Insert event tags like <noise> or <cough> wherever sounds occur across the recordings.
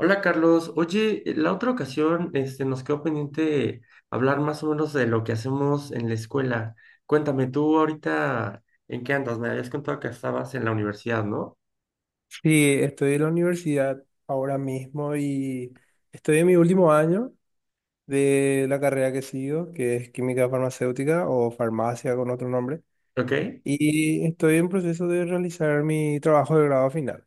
Hola Carlos, oye, la otra ocasión nos quedó pendiente hablar más o menos de lo que hacemos en la escuela. Cuéntame, tú ahorita, ¿en qué andas? Me habías contado que estabas en la universidad, ¿no? Sí, estoy en la universidad ahora mismo y estoy en mi último año de la carrera que sigo, que es química farmacéutica o farmacia con otro nombre, ¿Ok? y estoy en proceso de realizar mi trabajo de grado final.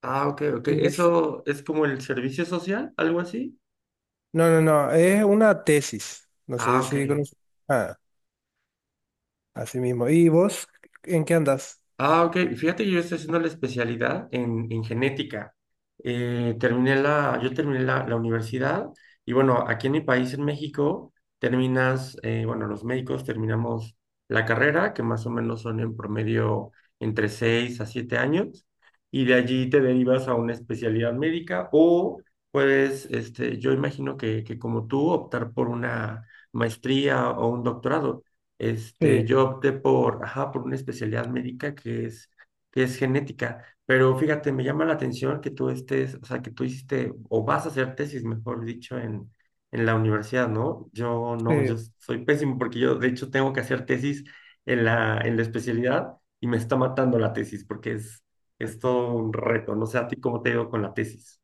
Ah, ok, ok. ¿Y vos? ¿Eso es como el servicio social, algo así? No, no, no, es una tesis, no Ah, sé ok. si conoces. Ah, así mismo. ¿Y vos en qué andas? Ah, ok. Fíjate que yo estoy haciendo la especialidad en genética. Yo terminé la universidad y bueno, aquí en mi país, en México, bueno, los médicos terminamos la carrera, que más o menos son en promedio entre 6 a 7 años, y de allí te derivas a una especialidad médica o puedes, yo imagino que como tú, optar por una maestría o un doctorado. Sí, Yo opté por, ajá, por una especialidad médica que es genética, pero fíjate, me llama la atención que tú estés, o sea, que tú hiciste, o vas a hacer tesis, mejor dicho, en la universidad, ¿no? Yo no, yo sí, soy pésimo porque yo, de hecho, tengo que hacer tesis en la especialidad y me está matando la tesis porque es todo un reto, no sé a ti cómo te ha ido con la tesis.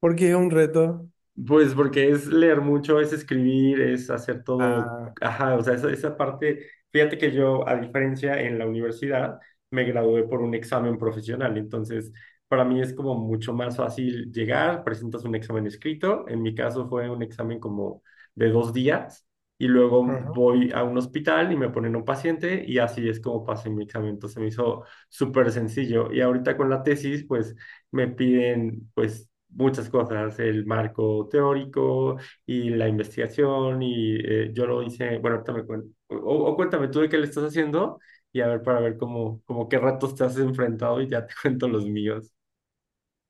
porque es un reto. Pues porque es leer mucho, es escribir, es hacer todo, Ah, ajá, o sea, esa parte, fíjate que yo, a diferencia en la universidad, me gradué por un examen profesional, entonces para mí es como mucho más fácil llegar, presentas un examen escrito, en mi caso fue un examen como de 2 días, y luego ujú. voy a un hospital y me ponen un paciente, y así es como pasé mi examen, entonces me hizo súper sencillo, y ahorita con la tesis, pues me piden pues muchas cosas, el marco teórico y la investigación y yo lo hice, bueno, ahorita o cuéntame tú de qué le estás haciendo y a ver para ver cómo qué ratos te has enfrentado y ya te <laughs> cuento los míos.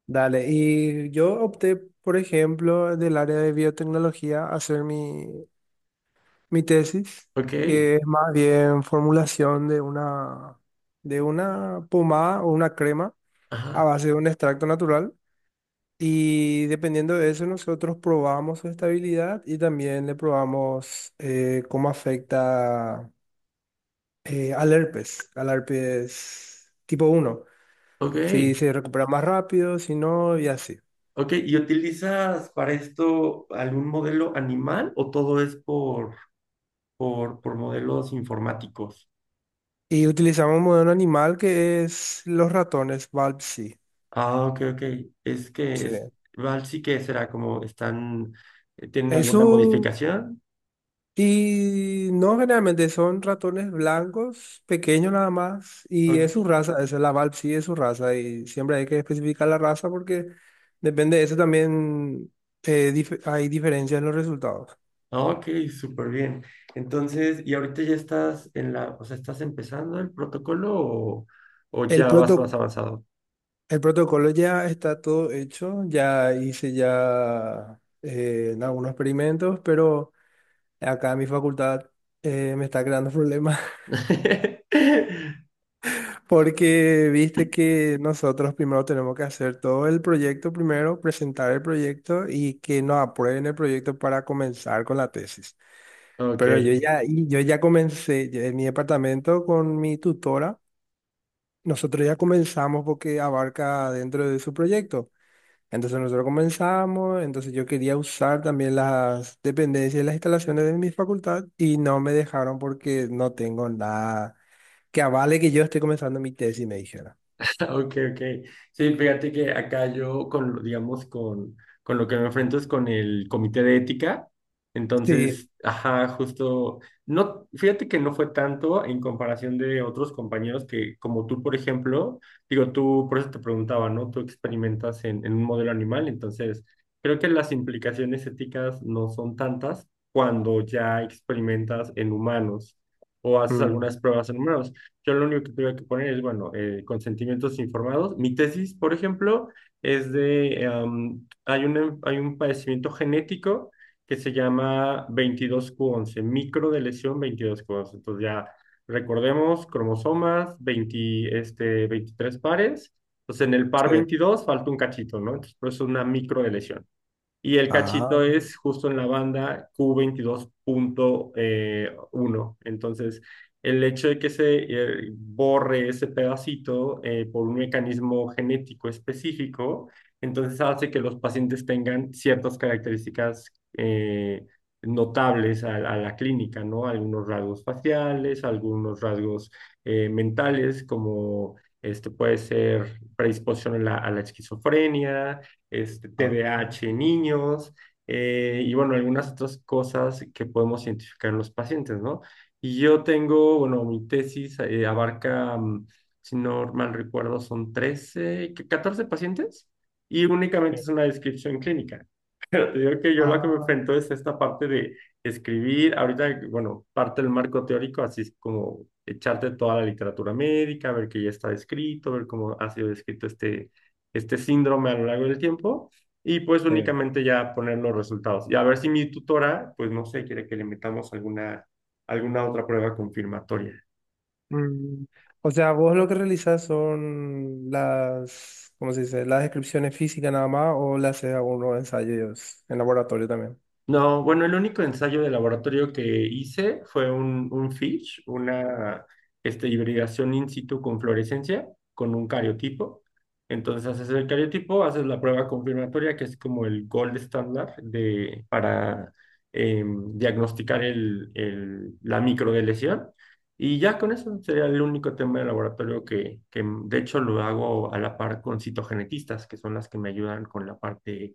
Dale, y yo opté, por ejemplo, del área de biotecnología, a hacer mi tesis, Ok, que es más bien formulación de una pomada o una crema a ajá, base de un extracto natural. Y dependiendo de eso, nosotros probamos su estabilidad y también le probamos cómo afecta al herpes tipo 1, ok, si se recupera más rápido, si no, y así. ok. ¿Y utilizas para esto algún modelo animal o todo es por modelos informáticos? Y utilizamos un modelo animal que es los ratones, Balpsy. Ah, ok, ok. Es que Sí. es, Sí. Val sí que será como están, ¿tienen alguna Eso, modificación? y no, generalmente son ratones blancos, pequeños nada más, y O- es su raza, esa es la Balpsy, es su raza, y siempre hay que especificar la raza porque depende de eso también, hay diferencias en los resultados. ah, ok, súper bien. Entonces, ¿y ahorita ya estás en la, o sea, estás empezando el protocolo o El ya vas más proto- avanzado? el protocolo ya está todo hecho, ya hice ya algunos experimentos, pero... Acá en mi facultad me está creando problemas, <laughs> <laughs> porque viste que nosotros primero tenemos que hacer todo el proyecto primero, presentar el proyecto y que nos aprueben el proyecto para comenzar con la tesis. Ok. Pero yo ya comencé ya en mi departamento con mi tutora. Nosotros ya comenzamos porque abarca dentro de su proyecto. Entonces nosotros comenzamos, entonces yo quería usar también las dependencias y las instalaciones de mi facultad y no me dejaron porque no tengo nada que avale que yo estoy comenzando mi tesis, me dijera. <laughs> Ok, ok. Sí, fíjate que acá yo con, digamos, con lo que me enfrento es con el comité de ética. Sí. Entonces, ajá, justo, no, fíjate que no fue tanto en comparación de otros compañeros que, como tú, por ejemplo, digo, tú, por eso te preguntaba, ¿no? Tú experimentas en un modelo animal, entonces, creo que las implicaciones éticas no son tantas cuando ya experimentas en humanos o haces Mm, algunas pruebas en humanos. Yo lo único que tuve que poner es, bueno, consentimientos informados. Mi tesis, por ejemplo, es de, em, hay un padecimiento genético que se llama 22q11 micro de lesión 22q11. Entonces ya recordemos cromosomas, 20, 23 pares. Entonces en el par sí. veintidós falta un cachito, ¿no? Entonces por eso es una micro de lesión. Y el cachito Ah, es justo en la banda q22.1. Entonces, el hecho de que se borre ese pedacito por un mecanismo genético específico, entonces hace que los pacientes tengan ciertas características eh, notables a la clínica, ¿no? Algunos rasgos faciales, algunos rasgos mentales, como puede ser predisposición a la esquizofrenia ah, TDAH en niños, y bueno, algunas otras cosas que podemos identificar en los pacientes, ¿no? Y yo tengo, bueno, mi tesis abarca, si no mal recuerdo, son 13, 14 pacientes y sí. únicamente es una descripción clínica. Pero te digo que yo lo que me Ah, enfrento es esta parte de escribir, ahorita, bueno, parte del marco teórico, así es como echarte toda la literatura médica, ver que ya está descrito, ver cómo ha sido descrito este síndrome a lo largo del tiempo, y pues sí. únicamente ya poner los resultados. Y a ver si mi tutora, pues no sé, quiere que le metamos alguna otra prueba confirmatoria. Mm. O sea, vos lo que realizás son las, ¿cómo se dice? Las descripciones físicas nada más, o le haces algunos ensayos en laboratorio también. No, bueno, el único ensayo de laboratorio que hice fue un FISH, una hibridación in situ con fluorescencia, con un cariotipo. Entonces haces el cariotipo, haces la prueba confirmatoria, que es como el gold standard para diagnosticar la microdeleción. Y ya con eso sería el único tema de laboratorio que de hecho lo hago a la par con citogenetistas, que son las que me ayudan con la parte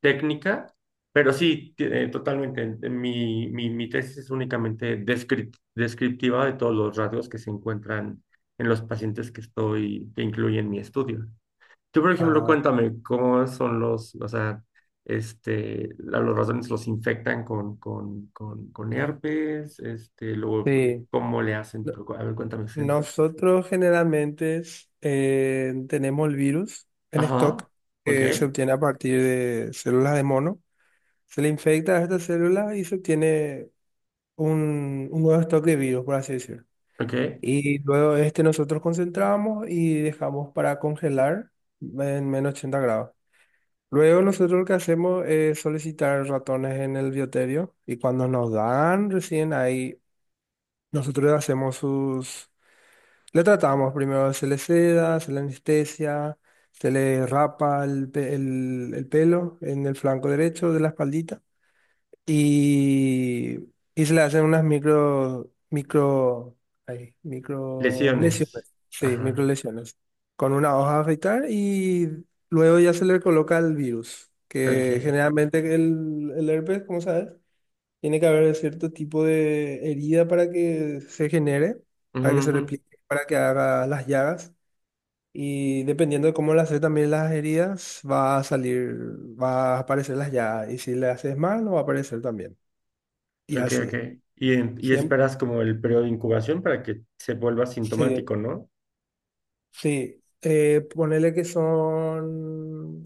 técnica, pero sí, totalmente. Mi tesis es únicamente descriptiva de todos los rasgos que se encuentran en los pacientes que incluye en mi estudio. Tú, por ejemplo, Ah, cuéntame cómo son los, o sea, los ratones los infectan con herpes, luego, sí. ¿cómo le hacen? No- A ver, cuéntame. Ese. Nosotros generalmente tenemos el virus en Ajá, stock, ok, que se obtiene a partir de células de mono. Se le infecta a estas células y se obtiene un nuevo stock de virus, por así decirlo. ok. Y luego este nosotros concentramos y dejamos para congelar en -80 grados. Luego nosotros lo que hacemos es solicitar ratones en el bioterio y cuando nos dan, recién ahí nosotros hacemos sus... Le tratamos primero, se le seda, se le anestesia, se le rapa el pelo en el flanco derecho de la espaldita, y, y se le hacen unas micro Lesiones. lesiones, sí, Ajá, con una hoja a afeitar, y luego ya se le coloca el virus, que ok. generalmente el herpes, como sabes, tiene que haber cierto tipo de herida para que se genere, Ujú, para que se ujú. replique, para que haga las llagas. Y dependiendo de cómo le haces también las heridas, va a salir, va a aparecer las llagas. Y si le haces mal, no va a aparecer también. Y Ok, ok. así. Y Siempre. esperas como el periodo de incubación para que se vuelva Sí, sintomático, ¿no? sí. Ponele que son...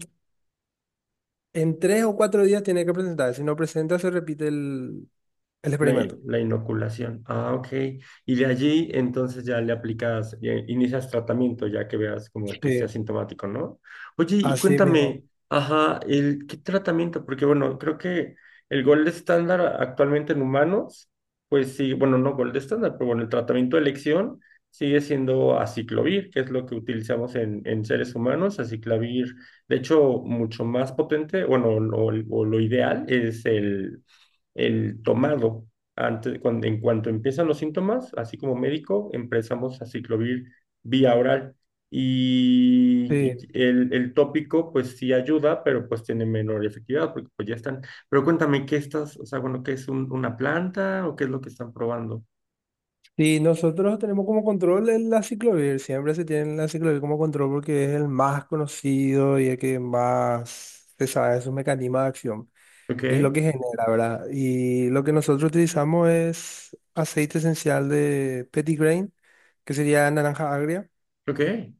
En 3 o 4 días tiene que presentar. Si no presenta, se repite el La, i- experimento. la inoculación. Ah, ok. Y de allí entonces ya le aplicas, inicias tratamiento ya que veas como que sea Sí, sintomático, ¿no? Oye, y así mismo. cuéntame, ajá, ¿qué tratamiento? Porque bueno, creo que el gold estándar actualmente en humanos, pues sí, bueno, no gold estándar, pero bueno, el tratamiento de elección sigue siendo aciclovir, que es lo que utilizamos en seres humanos. Aciclovir, de hecho, mucho más potente, bueno, o lo ideal es el tomado. Antes, en cuanto empiezan los síntomas, así como médico, empezamos a ciclovir vía oral. Y Sí. el tópico, pues sí ayuda, pero pues tiene menor efectividad, porque pues ya están. Pero cuéntame, ¿qué estás, o sea, bueno, qué es una planta o qué es lo que están probando? Sí, nosotros tenemos como control la ciclovir. Siempre se tiene la ciclovir como control porque es el más conocido y el que más se sabe sus mecanismo de acción. Ok, Y lo que genera, ¿verdad? Y lo que nosotros utilizamos es aceite esencial de grain, que sería naranja agria, ok,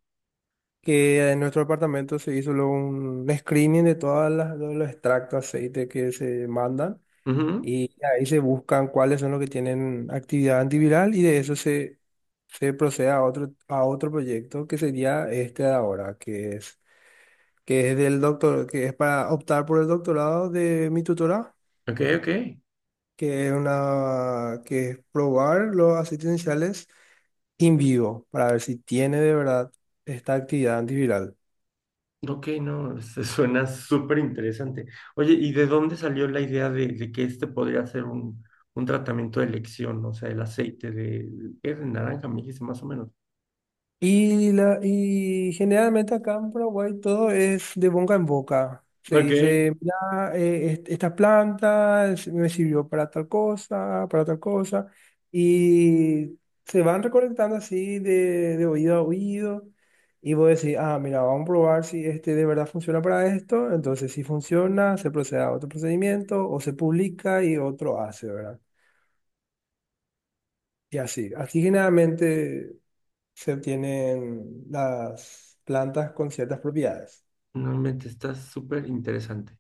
que en nuestro departamento se hizo luego un screening de todas las, todos los extractos de aceite que se mandan, ujú, y ahí se buscan cuáles son los que tienen actividad antiviral, y de eso se procede a otro, proyecto, que sería este de ahora, que es del doctor, que es para optar por el doctorado de mi tutora, ok, ok. Que es probar los aceites esenciales in vivo para ver si tiene de verdad esta actividad antiviral. Ok, no, se suena súper interesante. Oye, ¿y de dónde salió la idea de que este podría ser un tratamiento de elección? O sea, el aceite de, ¿qué? De naranja, me dijiste más o menos. Y generalmente acá en Paraguay todo es de boca en boca. Se Ok, dice, mira, esta planta me sirvió para tal cosa, para tal cosa. Y se van recolectando así de oído a oído. Y vos decís, ah, mira, vamos a probar si este de verdad funciona para esto. Entonces, si funciona, se procede a otro procedimiento o se publica y otro hace, ¿verdad? Y así. Así generalmente se obtienen las plantas con ciertas propiedades. no, te está súper interesante.